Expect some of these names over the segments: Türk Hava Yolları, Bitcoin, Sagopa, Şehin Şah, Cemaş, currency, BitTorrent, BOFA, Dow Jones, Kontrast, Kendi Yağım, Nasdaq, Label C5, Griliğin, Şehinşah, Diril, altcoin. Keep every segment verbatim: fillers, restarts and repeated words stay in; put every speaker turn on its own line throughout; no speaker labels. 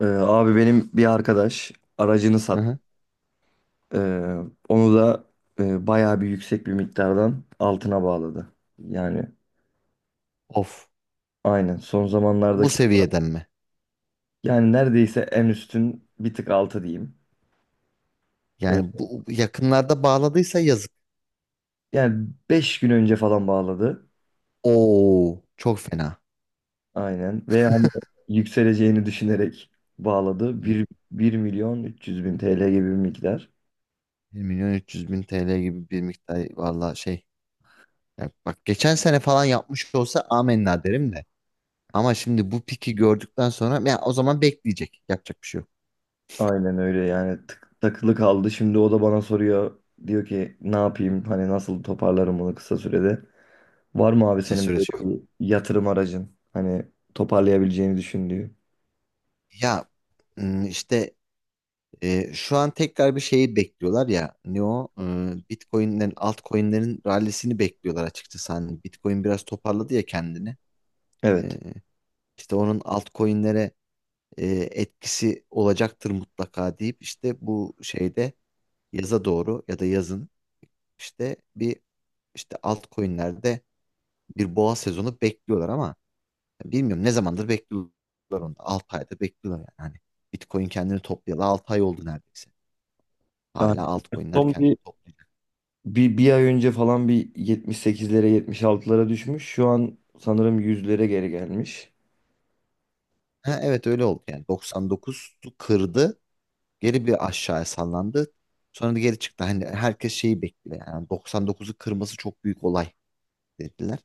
Ee, abi benim bir arkadaş aracını sat.
Aha.
ee, Onu da e, bayağı bir yüksek bir miktardan altına bağladı. Yani
Of.
aynen son
Bu
zamanlardaki,
seviyeden mi?
yani neredeyse en üstün bir tık altı diyeyim. Ee,
Yani bu yakınlarda bağladıysa yazık.
Yani beş gün önce falan bağladı.
Oo, çok fena.
Aynen, ve hani yükseleceğini düşünerek bağladı.
Evet.
bir bir milyon üç yüz bin TL gibi bir miktar.
bir milyon üç yüz bin T L gibi bir miktar valla şey. Ya bak geçen sene falan yapmış olsa amenna derim de. Ama şimdi bu piki gördükten sonra ya o zaman bekleyecek. Yapacak bir şey yok.
Aynen öyle, yani tık, takılı kaldı. Şimdi o da bana soruyor. Diyor ki ne yapayım, hani nasıl toparlarım bunu kısa sürede. Var mı abi
Kısa
senin
süresi yok.
böyle bir yatırım aracın? Hani toparlayabileceğini düşündüğü.
Ya ım, işte e, şu an tekrar bir şeyi bekliyorlar ya. Ne o? Ee, Bitcoin'lerin altcoin'lerin rallisini bekliyorlar açıkçası. Hani Bitcoin biraz toparladı ya kendini.
Evet.
Ee, İşte onun altcoin'lere e, etkisi olacaktır mutlaka deyip işte bu şeyde yaza doğru ya da yazın işte bir işte altcoin'lerde bir boğa sezonu bekliyorlar ama bilmiyorum ne zamandır bekliyorlar onu. altı aydır bekliyorlar yani. Hani Bitcoin kendini toplayalı altı ay oldu neredeyse. Hala
Aynen.
altcoin'ler
Son bir,
kendini toplayacak.
bir, bir ay önce falan bir yetmiş sekizlere yetmiş altılara düşmüş. Şu an sanırım yüzlere geri gelmiş.
Ha, evet öyle oldu yani doksan dokuzu kırdı. Geri bir aşağıya sallandı. Sonra da geri çıktı. Hani herkes şeyi bekliyor yani doksan dokuzu kırması çok büyük olay dediler.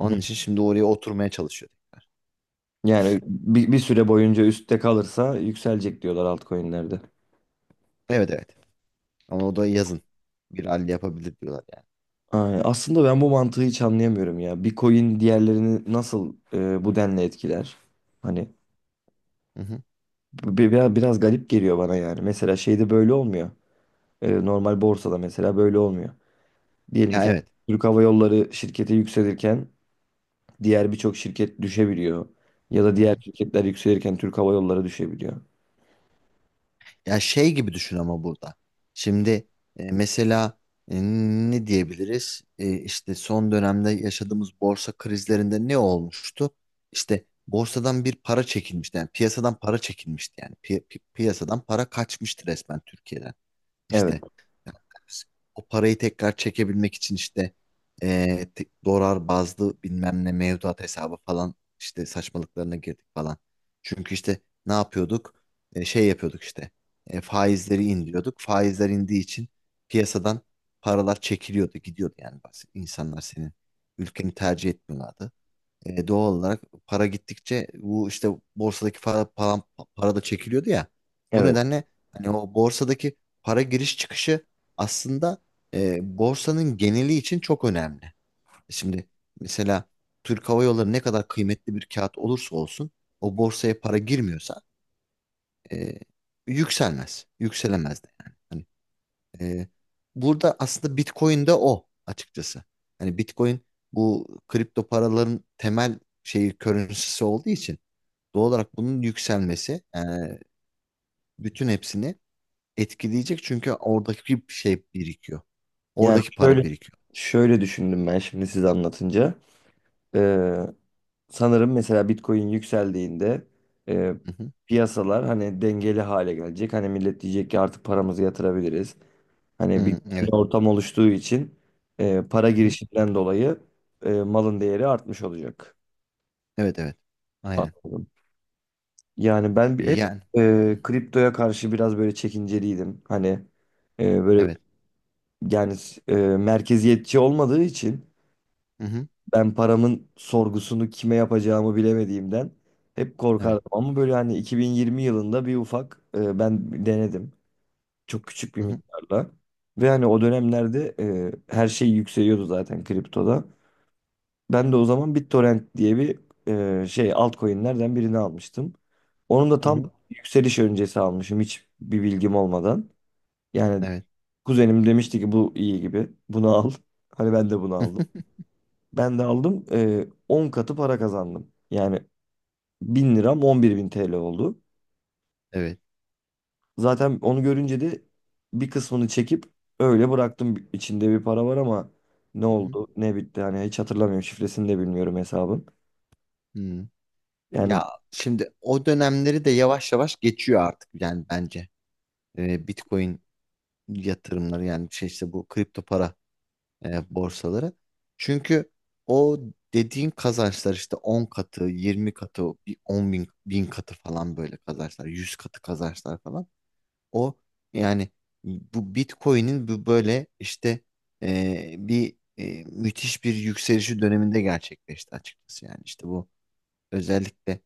Hı hı.
için şimdi oraya oturmaya çalışıyor.
Yani bir, bir süre boyunca üstte kalırsa yükselecek diyorlar altcoin'lerde.
Evet, evet. Ama o da yazın. Bir halde yapabilir diyorlar yani.
Aynen. Aslında ben bu mantığı hiç anlayamıyorum ya. Bir coin diğerlerini nasıl e, bu denli etkiler? Hani
Hı hı.
bi- biraz, biraz garip geliyor bana yani. Mesela şeyde böyle olmuyor. E, normal borsada mesela böyle olmuyor. Diyelim
Ya,
ki
evet.
Türk Hava Yolları şirketi yükselirken diğer birçok şirket düşebiliyor. Ya da
Hı hı.
diğer şirketler yükselirken Türk Hava Yolları düşebiliyor.
Ya şey gibi düşün ama burada. Şimdi e, mesela e, ne diyebiliriz? E, işte son dönemde yaşadığımız borsa krizlerinde ne olmuştu? İşte borsadan bir para çekilmişti. Yani piyasadan para çekilmişti yani. Pi- pi- piyasadan para kaçmıştı resmen Türkiye'den.
Evet,
İşte yani o parayı tekrar çekebilmek için işte eee, te- dolar bazlı bilmem ne mevduat hesabı falan işte saçmalıklarına girdik falan. Çünkü işte ne yapıyorduk? E, şey yapıyorduk işte, E, faizleri indiriyorduk. Faizler indiği için piyasadan paralar çekiliyordu, gidiyordu yani. Bas- İnsanlar senin ülkeni tercih etmiyorlardı. E, doğal olarak para gittikçe bu işte borsadaki para, para, para da çekiliyordu ya. Bu
evet.
nedenle hani o borsadaki para giriş çıkışı aslında e, borsanın geneli için çok önemli. Şimdi mesela Türk Hava Yolları ne kadar kıymetli bir kağıt olursa olsun o borsaya para girmiyorsa e, yükselmez. Yükselemez de yani. Hani ee, burada aslında Bitcoin de o açıkçası. Hani Bitcoin bu kripto paraların temel şeyi, currency'si olduğu için doğal olarak bunun yükselmesi e, bütün hepsini etkileyecek, çünkü oradaki şey birikiyor.
Yani
Oradaki para
şöyle
birikiyor.
şöyle düşündüm ben şimdi size anlatınca. Ee, Sanırım mesela Bitcoin yükseldiğinde e,
Hı hı.
piyasalar hani dengeli hale gelecek. Hani millet diyecek ki artık paramızı yatırabiliriz. Hani bir
Hı,
güvenli
evet.
ortam oluştuğu için e, para
Hı hı.
girişinden dolayı e, malın değeri artmış olacak.
Evet, evet. Aynen.
Anladım. Yani ben bir- hep
Yani. Hı
e,
hı.
kriptoya karşı biraz böyle çekinceliydim. Hani e, böyle,
Evet.
yani e, merkeziyetçi olmadığı için
Hı hı.
ben paramın sorgusunu kime yapacağımı bilemediğimden hep korkardım.
Evet.
Ama böyle hani iki bin yirmi yılında bir ufak e, ben denedim. Çok küçük bir
Hı hı.
miktarla. Ve hani o dönemlerde e, her şey yükseliyordu zaten kriptoda. Ben de o zaman BitTorrent diye bir e, şey altcoin'lerden birini almıştım. Onun da
Hı
tam
hı.
yükseliş öncesi almışım, hiç bir bilgim olmadan. Yani
Evet.
kuzenim demişti ki bu iyi gibi. Bunu al. Hani ben de bunu aldım. Ben de aldım. e, on katı para kazandım. Yani bin liram on bir bin T L oldu.
Evet.
Zaten onu görünce de bir kısmını çekip öyle bıraktım. İçinde bir para var ama ne
Hı hı.
oldu ne bitti hani hiç hatırlamıyorum. Şifresini de bilmiyorum hesabın.
Hı.
Yani
Ya şimdi o dönemleri de yavaş yavaş geçiyor artık yani bence. Ee, Bitcoin yatırımları yani şey, işte bu kripto para e, borsaları. Çünkü o dediğin kazançlar işte on katı, yirmi katı, bir on bin, bin katı falan, böyle kazançlar, yüz katı kazançlar falan. O yani bu Bitcoin'in bu böyle işte e, bir e, müthiş bir yükselişi döneminde gerçekleşti açıkçası, yani işte bu özellikle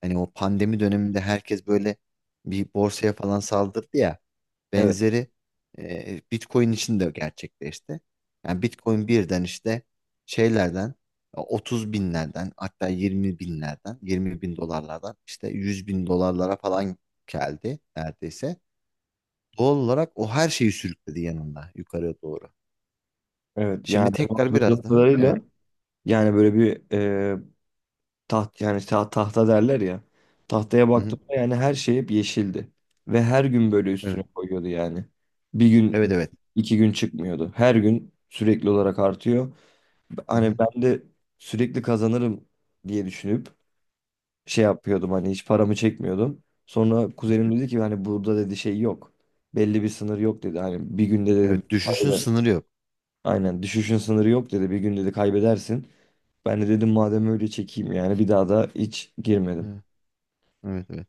hani o pandemi döneminde herkes böyle bir borsaya falan saldırdı ya.
evet.
Benzeri e, Bitcoin için de gerçekleşti. Yani Bitcoin birden işte şeylerden otuz binlerden, hatta yirmi binlerden, yirmi bin dolarlardan işte yüz bin dolarlara falan geldi neredeyse. Doğal olarak o her şeyi sürükledi yanında yukarıya doğru.
Evet, yani
Şimdi
benim
tekrar biraz
hatırladığım
daha,
kadarıyla,
evet.
yani böyle bir e, taht, yani ta- tahta derler ya, tahtaya
Hı hı.
baktığımda, yani her şey hep yeşildi ve her gün böyle üstüne
Evet.
koyuyordu, yani bir gün
Evet, evet.
iki gün çıkmıyordu, her gün sürekli olarak artıyor,
Hı
hani
hı.
ben de sürekli kazanırım diye düşünüp şey yapıyordum, hani hiç paramı çekmiyordum. Sonra kuzenim dedi ki hani burada dedi şey yok, belli bir sınır yok dedi, hani bir günde dedi
Evet, düşüşün
aynen.
sınırı yok.
Aynen, düşüşün sınırı yok dedi, bir gün dedi kaybedersin. Ben de dedim madem öyle çekeyim, yani bir daha da hiç girmedim.
Evet, evet.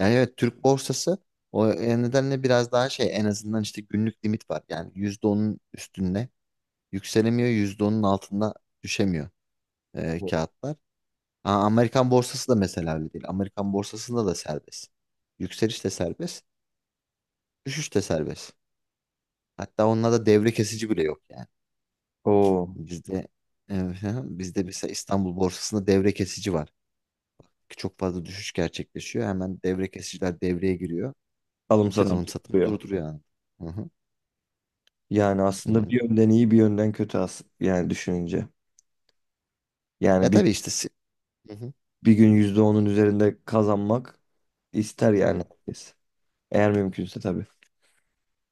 Yani evet, Türk borsası o e, nedenle biraz daha şey, en azından işte günlük limit var. Yani yüzde onun üstünde yükselemiyor, yüzde onun altında düşemiyor e, kağıtlar. Aa, Amerikan borsası da mesela öyle değil. Amerikan borsasında da serbest. Yükseliş de serbest, düşüş de serbest. Hatta onlarda devre kesici bile yok yani.
O
Bizde e, bizde mesela İstanbul borsasında devre kesici var. Çok fazla düşüş gerçekleşiyor. Hemen devre kesiciler devreye giriyor.
alım
Bütün
satım
alım satımı
yapıyor.
durduruyor yani. Hı
Yani aslında bir
hı.
yönden iyi, bir yönden kötü as, yani düşününce. Yani
Ya
bir,
tabii işte si- Hı hı.
bir gün yüzde onun üzerinde kazanmak ister yani
Evet.
herkes. Eğer mümkünse tabii.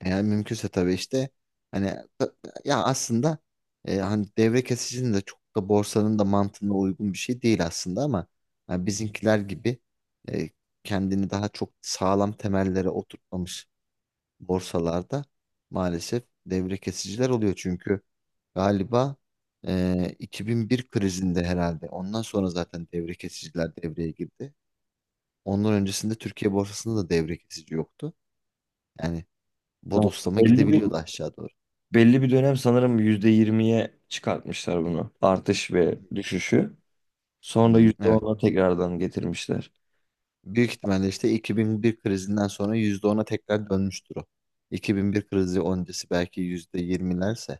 Yani mümkünse tabii işte hani ta- ya aslında e, hani devre kesicinin de çok da borsanın da mantığına uygun bir şey değil aslında, ama hani bizimkiler gibi e, kendini daha çok sağlam temellere oturtmamış borsalarda maalesef devre kesiciler oluyor. Çünkü galiba e, iki bin bir krizinde herhalde, ondan sonra zaten devre kesiciler devreye girdi. Ondan öncesinde Türkiye borsasında da devre kesici yoktu. Yani
Ha,
bodoslama
Belli bir
gidebiliyordu aşağı doğru.
belli bir dönem sanırım yüzde yirmiye çıkartmışlar bunu. Artış ve düşüşü. Sonra
Hmm,
yüzde
evet.
ona tekrardan getirmişler.
Büyük ihtimalle işte iki bin bir krizinden sonra yüzde ona tekrar dönmüştür o. iki bin bir krizi öncesi belki yüzde yirmilerse,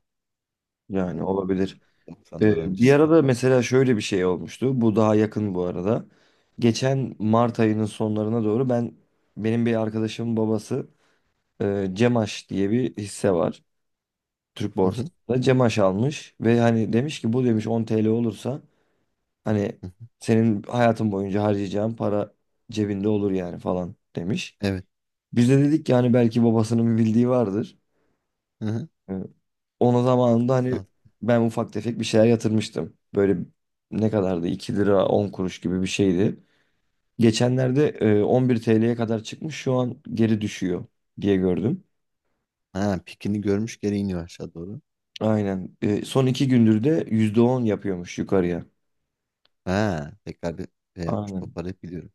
Yani olabilir.
doksanlar
Ee, bir
öncesi falan.
arada mesela şöyle bir şey olmuştu. Bu daha yakın bu arada. Geçen Mart ayının sonlarına doğru ben benim bir arkadaşımın babası e, Cemaş diye bir hisse var Türk
Hı hı,
borsasında. Cemaş almış ve hani demiş ki bu demiş on T L olursa hani
hı hı.
senin hayatın boyunca harcayacağın para cebinde olur yani falan demiş.
Evet.
Biz de dedik ki hani belki babasının bir bildiği vardır.
Hı hı.
Ee, Onun zamanında
Biz de
hani
aldık.
ben ufak tefek bir şeyler yatırmıştım. Böyle ne kadardı? iki lira on kuruş gibi bir şeydi. Geçenlerde e, on bir T L'ye kadar çıkmış, şu an geri düşüyor diye gördüm.
Ha, pikini görmüş, geri iniyor aşağı doğru.
Aynen. E, Son iki gündür de yüzde on yapıyormuş yukarıya.
Ha, tekrar bir şey yapmış,
Aynen.
toparlayıp biliyorum.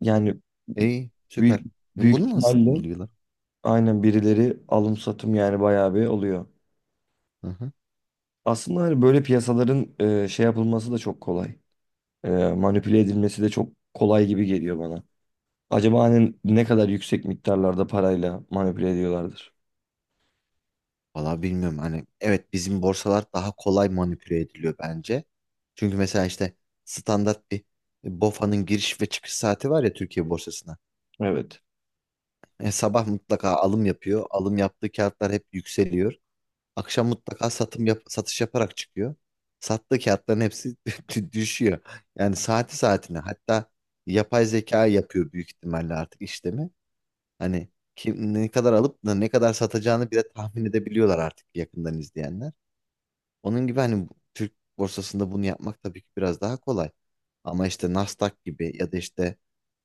Yani
İyi,
büyük,
süper. E,
büyük
bunu nasıl
ihtimalle
buluyorlar?
aynen birileri alım satım yani bayağı bir oluyor.
Hı hı.
Aslında hani böyle piyasaların e, şey yapılması da çok kolay. E, Manipüle edilmesi de çok kolay gibi geliyor bana. Acaba hani ne kadar yüksek miktarlarda parayla manipüle ediyorlardır?
Valla bilmiyorum, hani evet, bizim borsalar daha kolay manipüle ediliyor bence. Çünkü mesela işte standart bir e, B O F A'nın giriş ve çıkış saati var ya Türkiye borsasına.
Evet.
E, sabah mutlaka alım yapıyor. Alım yaptığı kağıtlar hep yükseliyor. Akşam mutlaka satım yap satış yaparak çıkıyor. Sattığı kağıtların hepsi dü- düşüyor. Yani saati saatine, hatta yapay zeka yapıyor büyük ihtimalle artık işlemi. Hani kim ne kadar alıp da ne kadar satacağını bile tahmin edebiliyorlar artık, yakından izleyenler. Onun gibi hani bu- Türk borsasında bunu yapmak tabii ki biraz daha kolay. Ama işte Nasdaq gibi ya da işte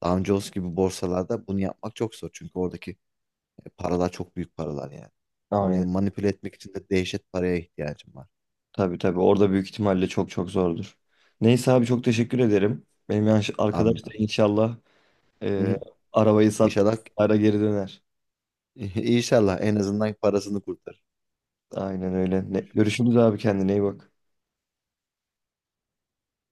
Dow Jones gibi borsalarda bunu yapmak çok zor. Çünkü oradaki e, paralar çok büyük paralar yani. Orayı
Aynen.
manipüle etmek için de dehşet paraya ihtiyacım var.
Tabii, tabii. Orada büyük ihtimalle çok çok zordur. Neyse abi çok teşekkür ederim. Benim yanlış
Abi,
arkadaş da
ben-
inşallah
Hı
e,
hı.
arabayı sat,
İnşallah,
ara geri döner.
inşallah en azından parasını kurtarır.
Aynen öyle. Ne,
Görüşürüz.
görüşürüz abi, kendine iyi bak.